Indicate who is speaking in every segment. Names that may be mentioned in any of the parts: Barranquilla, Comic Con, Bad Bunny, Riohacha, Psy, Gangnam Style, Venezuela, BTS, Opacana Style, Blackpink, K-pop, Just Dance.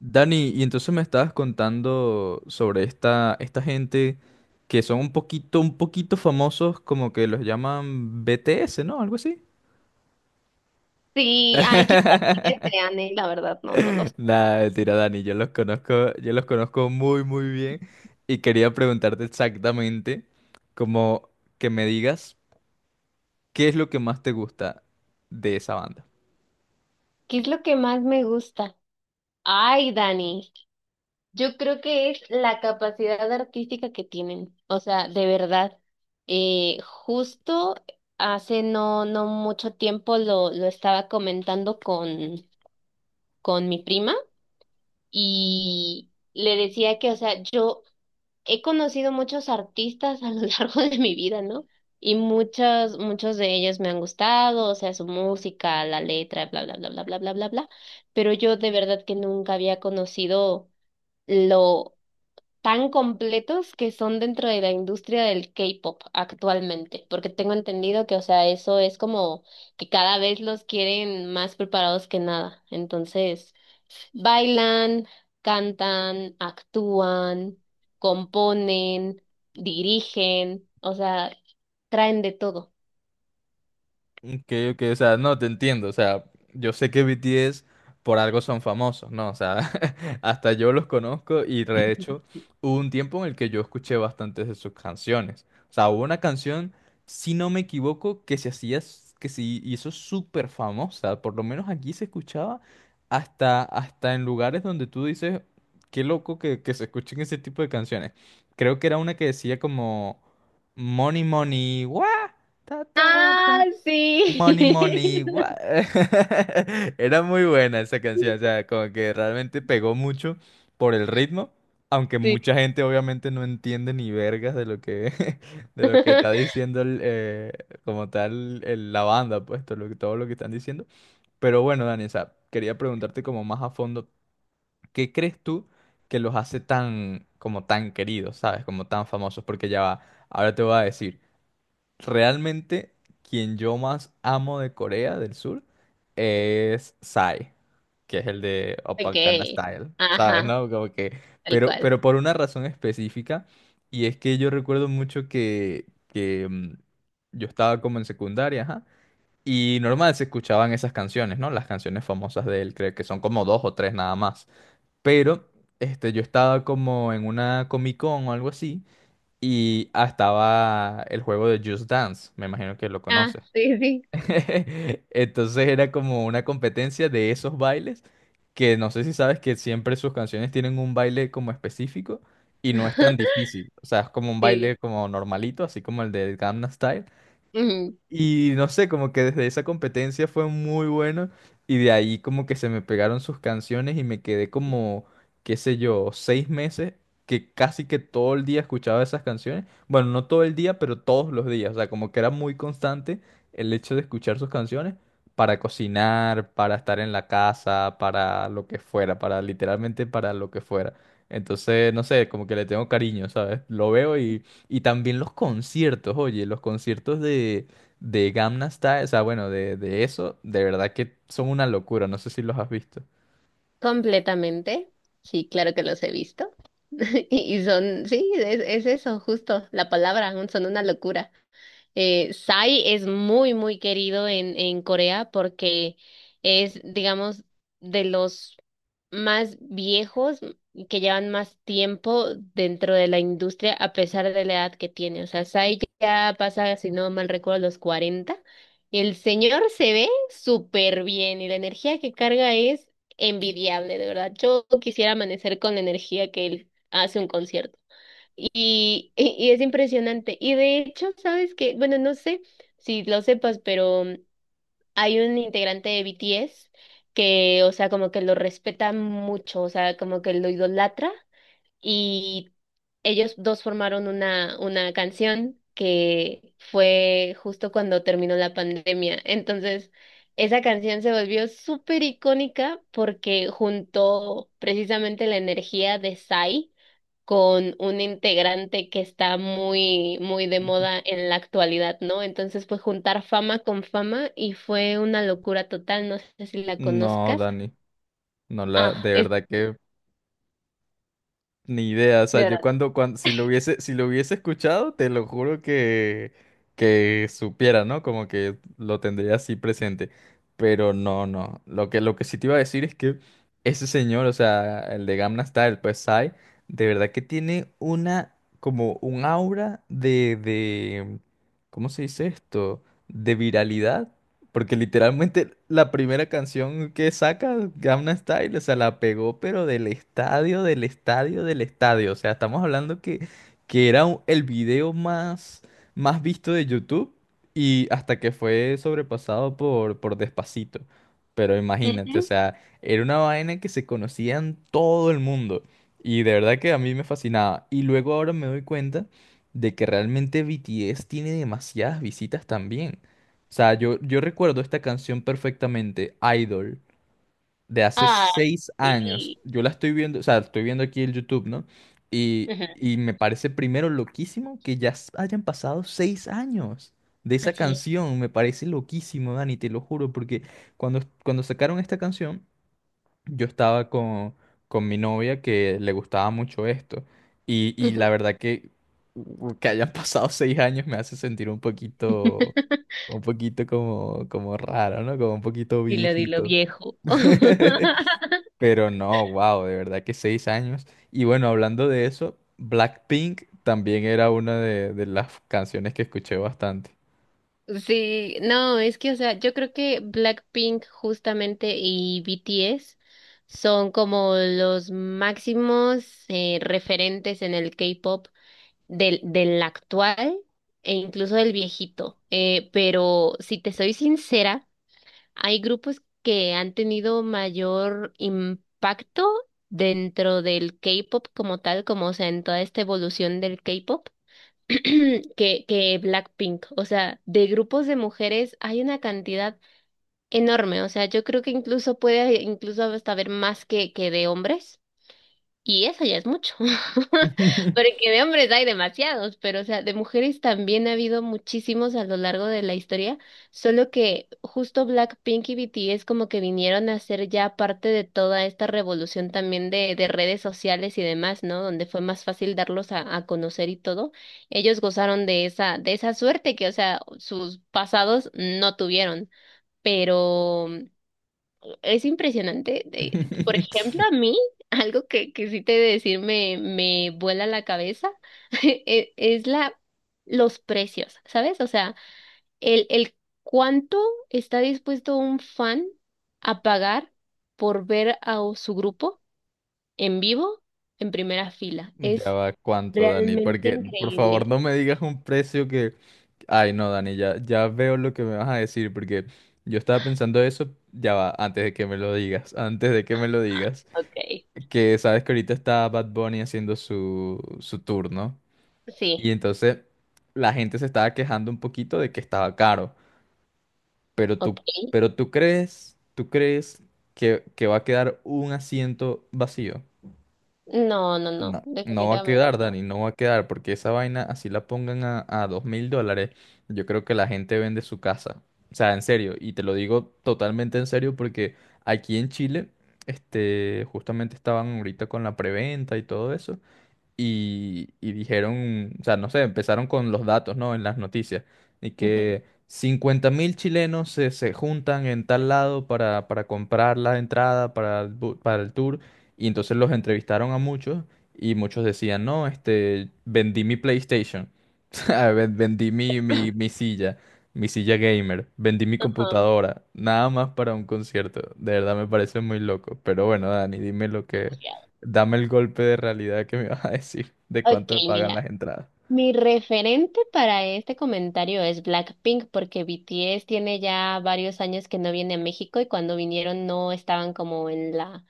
Speaker 1: Dani, y entonces me estabas contando sobre esta gente que son un poquito famosos, como que los llaman BTS, ¿no? Algo así.
Speaker 2: Sí, ay, qué sabe qué sean, la verdad, no los.
Speaker 1: Nada, mentira, Dani, yo los conozco muy, muy bien y quería preguntarte exactamente, como que me digas, ¿qué es lo que más te gusta de esa banda?
Speaker 2: ¿Qué es lo que más me gusta? Ay, Dani, yo creo que es la capacidad artística que tienen. O sea, de verdad. Justo hace no mucho tiempo lo estaba comentando con mi prima y le decía que, o sea, yo he conocido muchos artistas a lo largo de mi vida, ¿no? Y muchos de ellos me han gustado, o sea, su música, la letra, bla, bla, bla, bla, bla, bla, bla, bla. Pero yo de verdad que nunca había conocido lo tan completos que son dentro de la industria del K-pop actualmente, porque tengo entendido que, o sea, eso es como que cada vez los quieren más preparados que nada. Entonces... Bailan, cantan, actúan, componen, dirigen, o sea, traen de todo.
Speaker 1: Que, o sea, no te entiendo, o sea, yo sé que BTS por algo son famosos, ¿no? O sea, hasta yo los conozco y de hecho hubo un tiempo en el que yo escuché bastantes de sus canciones. O sea, hubo una canción, si no me equivoco, que se hizo súper famosa, por lo menos aquí se escuchaba hasta en lugares donde tú dices, qué loco que se escuchen ese tipo de canciones. Creo que era una que decía como, Money, money, guau.
Speaker 2: Ah, sí.
Speaker 1: Money, money, what? Era muy buena esa canción, o sea, como que realmente pegó mucho por el ritmo, aunque
Speaker 2: Sí.
Speaker 1: mucha gente obviamente no entiende ni vergas de lo que, de lo que está diciendo como tal la banda, pues todo lo que están diciendo. Pero bueno, Dani, o sea, quería preguntarte como más a fondo, ¿qué crees tú que los hace tan, como tan queridos, sabes, como tan famosos? Porque ya va, ahora te voy a decir. Realmente, quien yo más amo de Corea del Sur es Psy, que es el de Opacana
Speaker 2: Okay.
Speaker 1: Style, ¿sabes?
Speaker 2: Ajá,
Speaker 1: ¿No? Como que,
Speaker 2: tal
Speaker 1: pero,
Speaker 2: cual.
Speaker 1: pero por una razón específica, y es que yo recuerdo mucho que yo estaba como en secundaria, ajá, y normal se escuchaban esas canciones, ¿no? Las canciones famosas de él, creo que son como dos o tres nada más. Pero, este, yo estaba como en una Comic Con o algo así y estaba el juego de Just Dance, me imagino que lo
Speaker 2: Ah,
Speaker 1: conoces.
Speaker 2: sí, sí.
Speaker 1: Entonces era como una competencia de esos bailes, que no sé si sabes que siempre sus canciones tienen un baile como específico y no es tan difícil. O sea, es como un
Speaker 2: Sí.
Speaker 1: baile como normalito, así como el de Gangnam Style,
Speaker 2: Ujú.
Speaker 1: y no sé, como que desde esa competencia fue muy bueno y de ahí como que se me pegaron sus canciones y me quedé como, qué sé yo, 6 meses que casi que todo el día escuchaba esas canciones. Bueno, no todo el día, pero todos los días. O sea, como que era muy constante el hecho de escuchar sus canciones para cocinar, para estar en la casa, para lo que fuera, para literalmente para lo que fuera. Entonces, no sé, como que le tengo cariño, ¿sabes? Lo veo y también los conciertos, oye, los conciertos de Gamma Style, o sea, bueno, de eso, de verdad que son una locura, no sé si los has visto.
Speaker 2: Completamente. Sí, claro que los he visto. Y son, sí, es eso, justo, la palabra, son una locura. Psy es muy, muy querido en Corea porque es, digamos, de los más viejos que llevan más tiempo dentro de la industria a pesar de la edad que tiene. O sea, Psy ya pasa, si no mal recuerdo, los 40. El señor se ve súper bien y la energía que carga es envidiable, de verdad. Yo quisiera amanecer con la energía que él hace un concierto. Y es impresionante. Y de hecho, sabes que, bueno, no sé si lo sepas, pero hay un integrante de BTS que, o sea, como que lo respeta mucho, o sea, como que lo idolatra y ellos dos formaron una canción que fue justo cuando terminó la pandemia. Entonces, esa canción se volvió súper icónica porque juntó precisamente la energía de Sai con un integrante que está muy, muy de moda en la actualidad, ¿no? Entonces, pues juntar fama con fama y fue una locura total, no sé si la
Speaker 1: No,
Speaker 2: conozcas.
Speaker 1: Dani, no la,
Speaker 2: Ah,
Speaker 1: de
Speaker 2: es
Speaker 1: verdad que ni idea, o sea,
Speaker 2: de
Speaker 1: yo
Speaker 2: verdad.
Speaker 1: cuando, si lo hubiese escuchado, te lo juro que supiera, ¿no? Como que lo tendría así presente. Pero no, no. Lo que sí te iba a decir es que ese señor, o sea, el de Gamma Style, pues Psy, de verdad que tiene una, como un aura de, ¿cómo se dice esto? De viralidad porque literalmente la primera canción que saca Gangnam Style, o sea, la pegó, pero del estadio, del estadio, del estadio. O sea, estamos hablando que era el video más visto de YouTube y hasta que fue sobrepasado por Despacito. Pero imagínate, o
Speaker 2: Ujú.
Speaker 1: sea, era una vaina que se conocía en todo el mundo y de verdad que a mí me fascinaba. Y luego ahora me doy cuenta de que realmente BTS tiene demasiadas visitas también. O sea, yo recuerdo esta canción perfectamente, Idol, de hace
Speaker 2: Ah,
Speaker 1: 6 años.
Speaker 2: sí.
Speaker 1: Yo la estoy viendo, o sea, estoy viendo aquí el YouTube, ¿no? Y,
Speaker 2: Ajá.
Speaker 1: y me parece primero loquísimo que ya hayan pasado 6 años de esa
Speaker 2: Así es.
Speaker 1: canción. Me parece loquísimo, Dani, te lo juro, porque cuando sacaron esta canción, yo estaba con mi novia que le gustaba mucho esto. Y la
Speaker 2: Ujú.
Speaker 1: verdad que hayan pasado 6 años me hace sentir un poquito... Un poquito como raro, ¿no? Como un poquito
Speaker 2: Dilo, dilo,
Speaker 1: viejito.
Speaker 2: viejo.
Speaker 1: Pero no, wow, de verdad que 6 años. Y bueno, hablando de eso, Blackpink también era una de las canciones que escuché bastante.
Speaker 2: Sí, no, es que, o sea, yo creo que Blackpink justamente y BTS son como los máximos, referentes en el K-pop del actual e incluso del viejito. Pero si te soy sincera, hay grupos que han tenido mayor impacto dentro del K-pop como tal, como o sea, en toda esta evolución del K-pop, que Blackpink. O sea, de grupos de mujeres hay una cantidad enorme. O sea, yo creo que incluso puede incluso hasta haber más que de hombres. Y eso ya es mucho, porque de hombres hay demasiados, pero o sea, de mujeres también ha habido muchísimos a lo largo de la historia, solo que justo Blackpink y BTS como que vinieron a ser ya parte de toda esta revolución también de redes sociales y demás, ¿no? Donde fue más fácil darlos a conocer y todo. Ellos gozaron de esa suerte que, o sea, sus pasados no tuvieron. Pero es impresionante. De- por ejemplo, a mí, algo que sí te he de decir me, me vuela la cabeza, e- es los precios, ¿sabes? O sea, el cuánto está dispuesto un fan a pagar por ver a o- su grupo en vivo en primera fila.
Speaker 1: Ya
Speaker 2: Es
Speaker 1: va, ¿cuánto, Dani?
Speaker 2: realmente
Speaker 1: Porque, por favor,
Speaker 2: increíble.
Speaker 1: no me digas un precio que... Ay, no, Dani, ya, ya veo lo que me vas a decir, porque yo estaba pensando eso, ya va, antes de que me lo digas, antes de que me lo digas.
Speaker 2: Okay.
Speaker 1: Que sabes que ahorita está Bad Bunny haciendo su tour, ¿no?
Speaker 2: Sí,
Speaker 1: Y entonces la gente se estaba quejando un poquito de que estaba caro, pero tú,
Speaker 2: ok.
Speaker 1: pero tú crees, tú crees, que va a quedar un asiento vacío.
Speaker 2: No, no, no,
Speaker 1: No, no va a
Speaker 2: definitivamente
Speaker 1: quedar,
Speaker 2: no.
Speaker 1: Dani, no va a quedar, porque esa vaina, así la pongan a $2,000, yo creo que la gente vende su casa. O sea, en serio, y te lo digo totalmente en serio porque aquí en Chile, este, justamente estaban ahorita con la preventa y todo eso. Y dijeron, o sea, no sé, empezaron con los datos, ¿no? En las noticias. Y
Speaker 2: Ujú.
Speaker 1: que 50,000 chilenos se juntan en tal lado para comprar la entrada para para el tour. Y entonces los entrevistaron a muchos y muchos decían, no, este, vendí mi PlayStation, vendí mi silla, mi silla gamer, vendí mi
Speaker 2: Ajá,
Speaker 1: computadora, nada más para un concierto. De verdad me parece muy loco. Pero bueno, Dani, dime lo que...
Speaker 2: demasiado.
Speaker 1: Dame el golpe de realidad que me vas a decir de
Speaker 2: Ok,
Speaker 1: cuánto me pagan
Speaker 2: mira.
Speaker 1: las entradas.
Speaker 2: Mi referente para este comentario es Blackpink, porque BTS tiene ya varios años que no viene a México y cuando vinieron no estaban como en la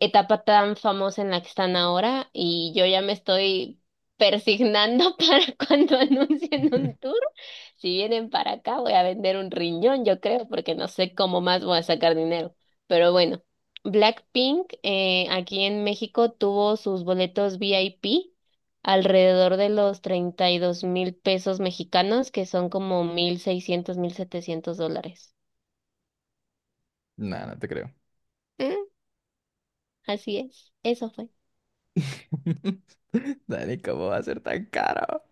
Speaker 2: etapa tan famosa en la que están ahora y yo ya me estoy persignando para cuando anuncien un tour. Si vienen para acá voy a vender un riñón, yo creo, porque no sé cómo más voy a sacar dinero. Pero bueno, Blackpink, aquí en México tuvo sus boletos VIP alrededor de los 32,000 pesos mexicanos, que son como 1,600 a 1,700 dólares.
Speaker 1: Nah, no te creo.
Speaker 2: Mm, así es, eso fue.
Speaker 1: Dani, ¿cómo va a ser tan caro?